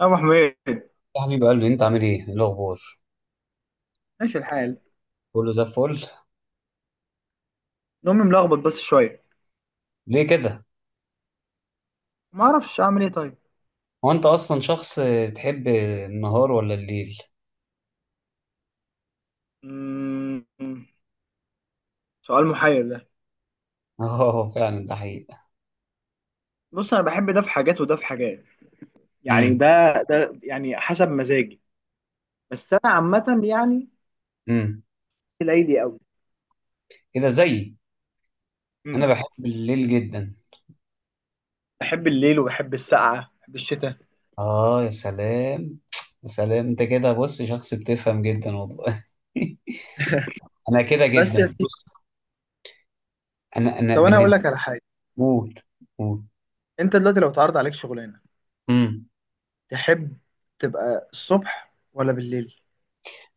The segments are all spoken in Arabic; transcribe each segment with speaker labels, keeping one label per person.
Speaker 1: يا ابو حميد.
Speaker 2: يا حبيب قلبي، انت عامل ايه؟ ايه الاخبار؟
Speaker 1: ماشي الحال.
Speaker 2: كله زي الفل.
Speaker 1: نومي ملخبط بس شويه.
Speaker 2: ليه كده؟
Speaker 1: ما اعرفش اعمل ايه طيب.
Speaker 2: هو انت اصلا شخص بتحب النهار ولا الليل؟
Speaker 1: مم. سؤال محير ده.
Speaker 2: اه، فعلا ده حقيقة.
Speaker 1: بص، انا بحب ده في حاجات وده في حاجات. يعني
Speaker 2: امم
Speaker 1: ده ده يعني حسب مزاجي. بس انا عامه يعني
Speaker 2: امم
Speaker 1: ليلي قوي.
Speaker 2: كده زيي. انا
Speaker 1: امم.
Speaker 2: بحب الليل جدا.
Speaker 1: بحب الليل وبحب السقعه، بحب الشتاء.
Speaker 2: اه يا سلام، يا سلام، انت كده، بص، شخص بتفهم جدا والله. انا كده
Speaker 1: بس يا
Speaker 2: جدا،
Speaker 1: سيدي،
Speaker 2: بص، انا
Speaker 1: طب انا اقول
Speaker 2: بالنسبه.
Speaker 1: لك على حاجه.
Speaker 2: قول قول.
Speaker 1: انت دلوقتي لو اتعرض عليك شغلانه،
Speaker 2: امم
Speaker 1: تحب تبقى الصبح ولا بالليل؟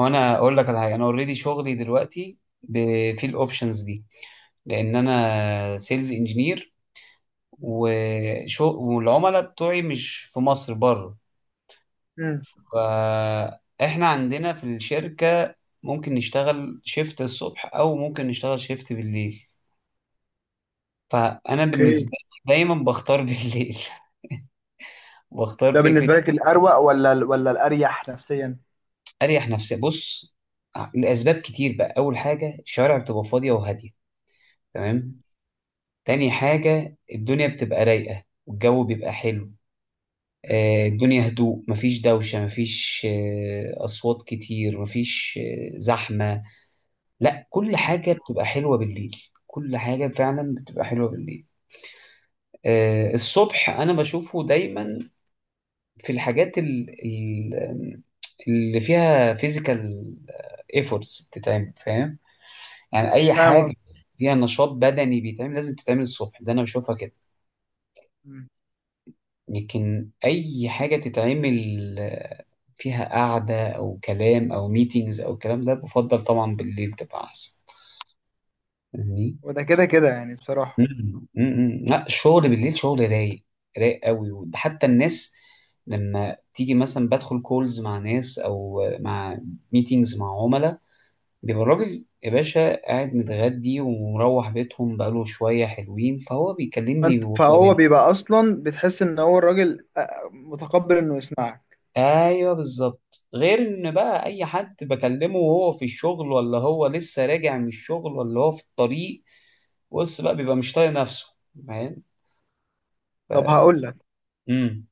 Speaker 2: هو انا اقول لك على حاجه، انا اوريدي شغلي دلوقتي في الاوبشنز دي، لان انا سيلز انجينير وشو، والعملاء بتوعي مش في مصر، بره.
Speaker 1: امم.
Speaker 2: فاحنا عندنا في الشركة ممكن نشتغل شيفت الصبح او ممكن نشتغل شيفت بالليل. فانا بالنسبة
Speaker 1: اوكي.
Speaker 2: لي دايما بختار بالليل. بختار
Speaker 1: ده
Speaker 2: فكرة
Speaker 1: بالنسبه لك الاروق ولا الاريح نفسيا؟
Speaker 2: اريح نفسي. بص، لاسباب كتير بقى. اول حاجة، الشوارع بتبقى فاضية وهادية، تمام؟ تاني حاجة، الدنيا بتبقى رايقة والجو بيبقى حلو. الدنيا هدوء، مفيش دوشة، مفيش أصوات كتير، مفيش زحمة. لا، كل
Speaker 1: مم.
Speaker 2: حاجة بتبقى حلوة بالليل. كل حاجة فعلا بتبقى حلوة بالليل. الصبح أنا بشوفه دايما في الحاجات اللي فيها فيزيكال ايفورتس بتتعمل، فاهم؟ يعني أي
Speaker 1: فاهم قصدي.
Speaker 2: حاجة فيها نشاط بدني بيتعمل لازم تتعمل الصبح، ده أنا بشوفها كده.
Speaker 1: مم.
Speaker 2: لكن أي حاجة تتعمل آه، فيها قعدة أو كلام أو ميتينجز أو الكلام ده، بفضل طبعا بالليل تبقى أحسن. فاهمني؟
Speaker 1: وده كده كده يعني بصراحة.
Speaker 2: لا، الشغل بالليل شغل رايق. رايق قوي. وده حتى الناس لما تيجي مثلا، بدخل كولز مع ناس أو مع ميتينجز مع عملاء، بيبقى الراجل يا باشا قاعد متغدي ومروح بيتهم بقاله شوية، حلوين، فهو بيكلمني.
Speaker 1: فهو بيبقى اصلا بتحس ان هو الراجل متقبل انه يسمعك.
Speaker 2: ايوه، بالظبط. غير ان بقى اي حد بكلمه وهو في الشغل، ولا هو لسه راجع من الشغل، ولا هو في الطريق، بص بقى، بيبقى مش طايق نفسه. فاهم؟ ف...
Speaker 1: طب هقول لك،
Speaker 2: امم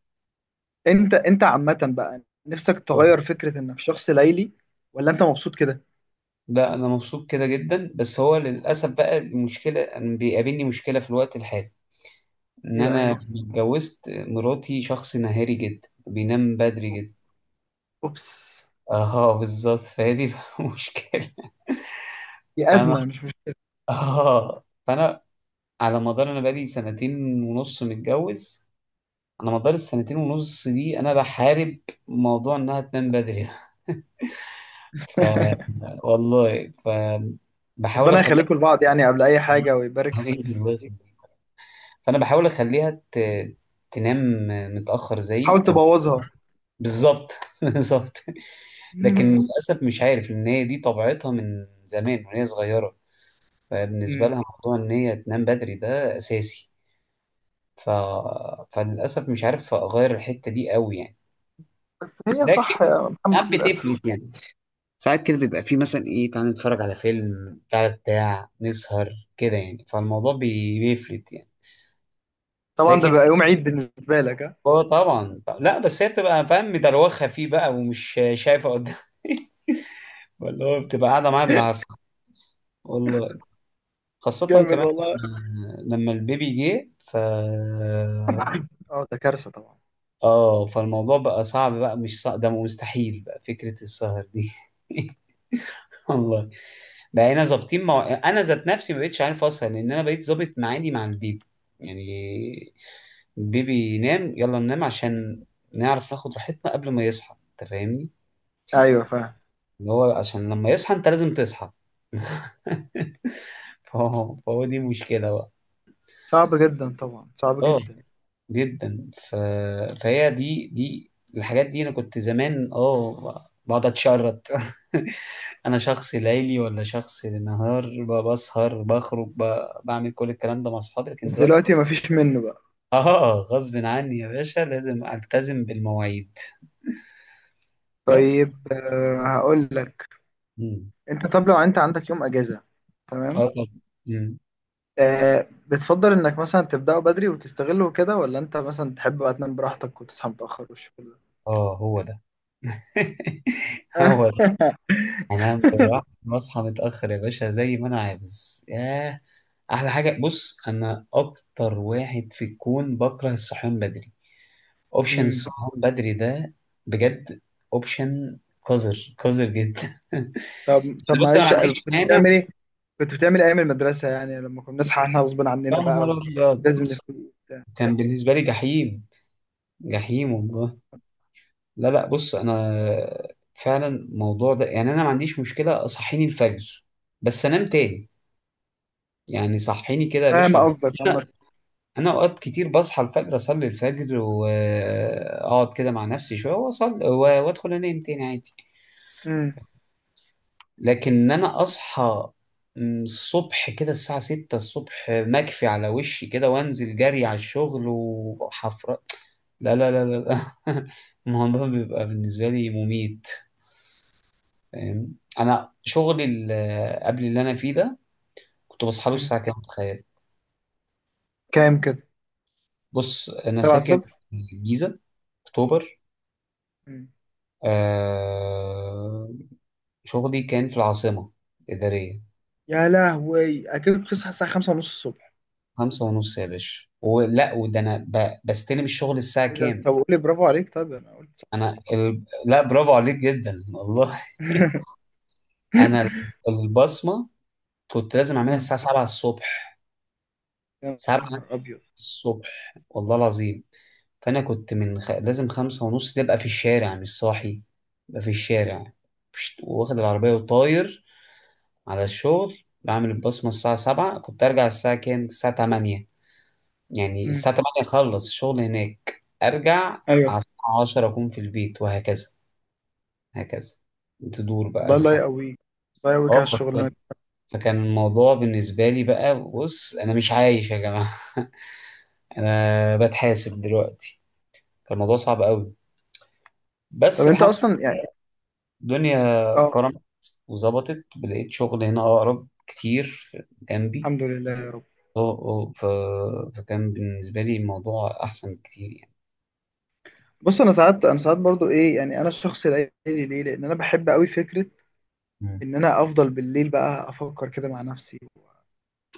Speaker 1: انت عامة بقى نفسك تغير فكرة انك شخص ليلي، ولا انت مبسوط كده؟
Speaker 2: لا، انا مبسوط كده جدا، بس هو للاسف بقى المشكله، أنا بيقابلني مشكله في الوقت الحالي، ان
Speaker 1: ايه بقى
Speaker 2: انا
Speaker 1: هي.
Speaker 2: اتجوزت مراتي شخص نهاري جدا، بينام بدري جدا.
Speaker 1: اوبس.
Speaker 2: اه بالظبط، فهي دي بقى المشكله.
Speaker 1: دي
Speaker 2: فانا
Speaker 1: ازمة مش مشكلة.
Speaker 2: اه فانا على مدار، انا بقالي سنتين ونص متجوز، على مدار السنتين ونص دي انا بحارب موضوع انها تنام بدري ده. ف والله ف بحاول
Speaker 1: ربنا
Speaker 2: اخليها.
Speaker 1: يخليكم لبعض يعني قبل اي حاجة، ويبارك
Speaker 2: إيه، الله
Speaker 1: فيك.
Speaker 2: يخليك. فانا بحاول اخليها تنام متاخر زي
Speaker 1: حاول
Speaker 2: او.
Speaker 1: تبوظها.
Speaker 2: بالظبط. بالظبط. لكن للاسف مش عارف، ان هي دي طبيعتها من زمان وهي صغيره. فبالنسبه
Speaker 1: مم.
Speaker 2: لها موضوع ان هي تنام بدري ده اساسي. ف... فللاسف مش عارف اغير الحته دي قوي، يعني.
Speaker 1: بس هي صح
Speaker 2: لكن
Speaker 1: يا محمد،
Speaker 2: ساعات
Speaker 1: للاسف.
Speaker 2: بتفلت، يعني. ساعات كده بيبقى فيه مثلا، ايه تعالى نتفرج على فيلم بتاع بتاع، نسهر كده، يعني. فالموضوع بيفلت، يعني.
Speaker 1: طبعا ده
Speaker 2: لكن
Speaker 1: بقى يوم عيد بالنسبة لك، ها؟
Speaker 2: هو طبعا لا، بس هي بتبقى، فاهم، مدروخه فيه بقى، ومش شايفه قدام. ولا هو بتبقى قاعده معايا بالعافيه، والله. خاصه
Speaker 1: جامد
Speaker 2: كمان
Speaker 1: والله.
Speaker 2: لما البيبي جه. ف
Speaker 1: اه، ده كارثة طبعا.
Speaker 2: اه، فالموضوع بقى صعب، بقى مش صعب ده، مستحيل بقى فكره السهر دي. والله، بقينا ظابطين انا ذات نفسي ما بقتش عارف اصلا، لان انا بقيت ظابط معادي مع البيبي، يعني. البيبي ينام، يلا ننام، عشان نعرف ناخد راحتنا قبل ما يصحى. انت فاهمني؟
Speaker 1: ايوه، فاهم.
Speaker 2: اللي هو عشان لما يصحى انت لازم تصحى. فهو دي مشكلة بقى.
Speaker 1: صعب جدا طبعا، صعب
Speaker 2: اه
Speaker 1: جدا.
Speaker 2: جدا. فهي دي الحاجات دي، انا كنت زمان اه بقعد اتشرط. انا شخص ليلي ولا شخص نهار، بسهر، بخرج، بعمل كل الكلام ده مع اصحابي. لكن
Speaker 1: بس
Speaker 2: دلوقتي
Speaker 1: دلوقتي مفيش منه بقى.
Speaker 2: اه، غصب عني يا باشا، لازم التزم بالمواعيد. بس
Speaker 1: طيب، هقول لك.
Speaker 2: مم.
Speaker 1: انت طب لو انت عندك يوم اجازه،
Speaker 2: اه
Speaker 1: تمام،
Speaker 2: طب، مم.
Speaker 1: بتفضل انك مثلا تبداه بدري وتستغله كده، ولا انت مثلا تحب بقى تنام براحتك وتصحى متاخر والشغل ده؟
Speaker 2: اه هو ده.
Speaker 1: آه.
Speaker 2: هو ده. انام براحتي واصحى متاخر يا باشا، زي ما انا عاوز ياه. احلى حاجه. بص، انا اكتر واحد في الكون بكره الصحيان بدري. اوبشن
Speaker 1: مم.
Speaker 2: الصحيان بدري ده، بجد، اوبشن قذر، قذر جدا.
Speaker 1: طب
Speaker 2: بص انا ما
Speaker 1: معلش،
Speaker 2: عنديش
Speaker 1: كنت
Speaker 2: مانع.
Speaker 1: بتعمل ايه؟ كنت بتعمل ايام المدرسه يعني، لما كنا بنصحى احنا غصب
Speaker 2: يا
Speaker 1: عننا
Speaker 2: نهار
Speaker 1: بقى،
Speaker 2: ابيض،
Speaker 1: ولازم نفوق وبتاع.
Speaker 2: كان بالنسبه لي جحيم، جحيم والله. لا لا، بص انا فعلا الموضوع ده يعني، انا ما عنديش مشكله صحيني الفجر، بس انام تاني، يعني. صحيني كده يا
Speaker 1: فاهم
Speaker 2: باشا.
Speaker 1: قصدك عامه.
Speaker 2: انا اوقات كتير بصحى الفجر، اصلي الفجر واقعد كده مع نفسي شويه، واصلي وادخل انام تاني، عادي.
Speaker 1: مم.
Speaker 2: لكن ان انا اصحى الصبح كده الساعه 6 الصبح، مكفي على وشي كده، وانزل جري على الشغل، وحفرة، لا لا لا لا لا. الموضوع بيبقى بالنسبه لي مميت. فاهم؟ انا شغلي قبل اللي انا فيه ده، كنت بصحى له
Speaker 1: مم.
Speaker 2: الساعه كام، تخيل؟
Speaker 1: كام كده؟
Speaker 2: بص انا
Speaker 1: سبعة
Speaker 2: ساكن
Speaker 1: الصبح؟
Speaker 2: في الجيزه، اكتوبر.
Speaker 1: مم.
Speaker 2: آه، شغلي كان في العاصمة الإدارية.
Speaker 1: يا لهوي، اكيد بتصحى الساعه 5 ونص الصبح؟
Speaker 2: خمسة ونص يا باشا. ولا وده أنا بستلم الشغل الساعة
Speaker 1: ايه ده؟
Speaker 2: كام؟
Speaker 1: طب قول لي، برافو عليك، طيب انا قلت صح.
Speaker 2: لا برافو عليك جدا والله. أنا البصمة كنت لازم أعملها
Speaker 1: أمم.
Speaker 2: الساعة 7 الصبح.
Speaker 1: يا
Speaker 2: 7
Speaker 1: نهار ابيض.
Speaker 2: الصبح والله العظيم. فأنا كنت من لازم خمسة ونص دي أبقى في الشارع مش صاحي، أبقى في الشارع واخد العربية وطاير على الشغل، بعمل البصمة الساعة 7، كنت أرجع الساعة كام؟ الساعة 8، يعني
Speaker 1: أمم.
Speaker 2: الساعة 8 أخلص الشغل هناك، أرجع
Speaker 1: ايوه.
Speaker 2: على الساعة 10 أكون في البيت، وهكذا هكذا، تدور بقى
Speaker 1: والله، الله
Speaker 2: الحق.
Speaker 1: يقويك. الله يقويك
Speaker 2: اه
Speaker 1: على الشغلانه
Speaker 2: فكان
Speaker 1: دي.
Speaker 2: فكان الموضوع بالنسبة لي بقى، بص أنا مش عايش يا جماعة. أنا بتحاسب دلوقتي. كان الموضوع صعب قوي،
Speaker 1: طب
Speaker 2: بس
Speaker 1: انت
Speaker 2: الحمد لله،
Speaker 1: اصلا يعني.
Speaker 2: الدنيا
Speaker 1: اه.
Speaker 2: كرمت وظبطت، لقيت شغل هنا أقرب كتير جنبي.
Speaker 1: الحمد لله يا رب.
Speaker 2: اه اه، فكان بالنسبة لي الموضوع أحسن كتير.
Speaker 1: بص، انا ساعات برضو ايه يعني انا الشخص الليلي. ليه؟ لان انا بحب قوي فكره
Speaker 2: مم.
Speaker 1: ان انا افضل بالليل، بقى افكر كده مع نفسي،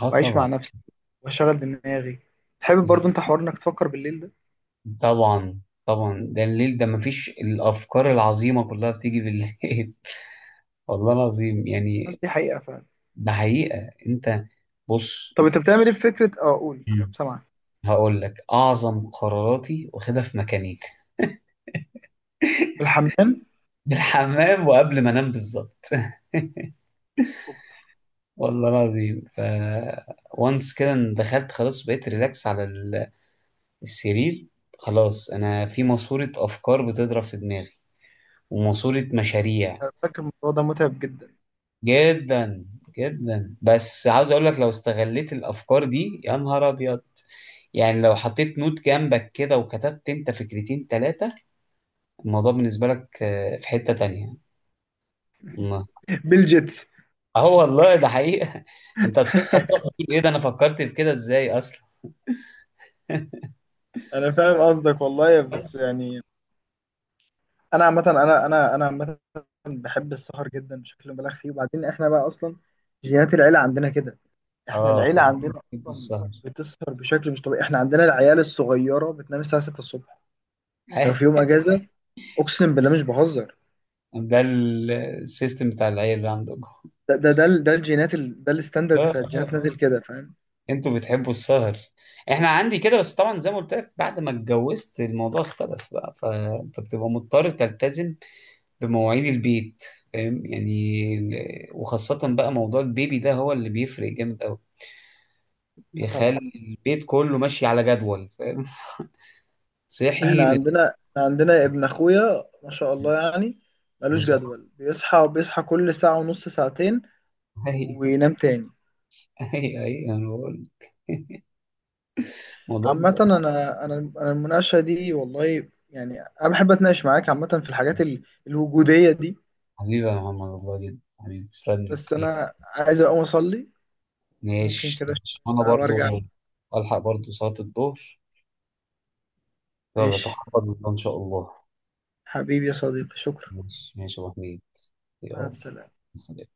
Speaker 2: اه
Speaker 1: واعيش
Speaker 2: طبعا.
Speaker 1: مع نفسي، واشغل دماغي. تحب برضو انت حوار انك تفكر بالليل ده؟
Speaker 2: طبعا طبعا، ده الليل ده مفيش، الافكار العظيمه كلها بتيجي بالليل. والله العظيم،
Speaker 1: بس
Speaker 2: يعني.
Speaker 1: دي حقيقه فعلا.
Speaker 2: ده حقيقه، انت، بص،
Speaker 1: طب انت بتعمل ايه في فكره؟ اه قول،
Speaker 2: مم.
Speaker 1: سامعك.
Speaker 2: هقول لك، اعظم قراراتي واخدها في مكانين.
Speaker 1: الحمام؟
Speaker 2: في الحمام، وقبل ما انام، بالظبط.
Speaker 1: أوبس.
Speaker 2: والله العظيم. وانس كده إن دخلت خلاص، بقيت ريلاكس على السرير، خلاص انا في ماسوره افكار بتضرب في دماغي، وماسوره مشاريع.
Speaker 1: أنا فاكر الموضوع ده متعب جدا.
Speaker 2: جدا. جدا. بس عاوز اقول لك، لو استغليت الافكار دي يا نهار ابيض، يعني لو حطيت نوت جنبك كده وكتبت انت فكرتين ثلاثة، الموضوع بالنسبة لك في حتة تانية، والله.
Speaker 1: بالجيتس.
Speaker 2: اه والله ده حقيقة. انت بتصحى الصبح تقول ايه ده، انا فكرت في كده ازاي اصلا؟
Speaker 1: انا فاهم قصدك والله، بس يعني انا عامه، انا انا انا عامه بحب السهر جدا بشكل مبالغ فيه. وبعدين احنا بقى اصلا جينات العيله عندنا كده. احنا
Speaker 2: اه.
Speaker 1: العيله عندنا اصلا
Speaker 2: السهر.
Speaker 1: بتسهر بشكل مش طبيعي. احنا عندنا العيال الصغيره بتنام الساعه 6 الصبح لو في يوم اجازه، اقسم بالله مش بهزر.
Speaker 2: ده السيستم بتاع العيال اللي عندكم.
Speaker 1: ده الجينات ده الستاندرد بتاع
Speaker 2: اه
Speaker 1: الجينات نازل
Speaker 2: آه.
Speaker 1: كده، فاهم؟
Speaker 2: انتوا بتحبوا السهر. احنا عندي كده. بس طبعا زي ما قلت لك، بعد ما اتجوزت الموضوع اختلف بقى، فانت بتبقى مضطر تلتزم بمواعيد البيت. فاهم يعني؟ وخاصة بقى موضوع البيبي ده، هو اللي بيفرق جامد قوي،
Speaker 1: آه،
Speaker 2: بيخلي
Speaker 1: طبعا.
Speaker 2: البيت كله ماشي على جدول. فاهم؟ صحي،
Speaker 1: احنا
Speaker 2: نزل.
Speaker 1: عندنا احنا عندنا ابن اخويا ما شاء الله يعني،
Speaker 2: ما
Speaker 1: ملوش
Speaker 2: شاء الله.
Speaker 1: جدول، بيصحى كل ساعة ونص ساعتين
Speaker 2: اي
Speaker 1: وينام تاني.
Speaker 2: اي انا بقول الموضوع
Speaker 1: عامة انا انا انا المناقشة دي والله يعني، انا بحب اتناقش معاك عامة في الحاجات الوجودية دي.
Speaker 2: حبيبي يا محمد، والله جدا حبيبي، تسلم لي
Speaker 1: بس
Speaker 2: كتير.
Speaker 1: انا عايز اقوم اصلي. ممكن
Speaker 2: ماشي،
Speaker 1: كده
Speaker 2: ماشي. وانا
Speaker 1: شوية
Speaker 2: برضو
Speaker 1: وارجع؟
Speaker 2: الحق برضو صلاة الظهر. يلا،
Speaker 1: ماشي.
Speaker 2: تخرج ان شاء الله.
Speaker 1: حبيبي يا صديقي، شكرا.
Speaker 2: ماشي، ماشي يا ابو حميد.
Speaker 1: مع
Speaker 2: يلا.
Speaker 1: السلامة.
Speaker 2: سلام.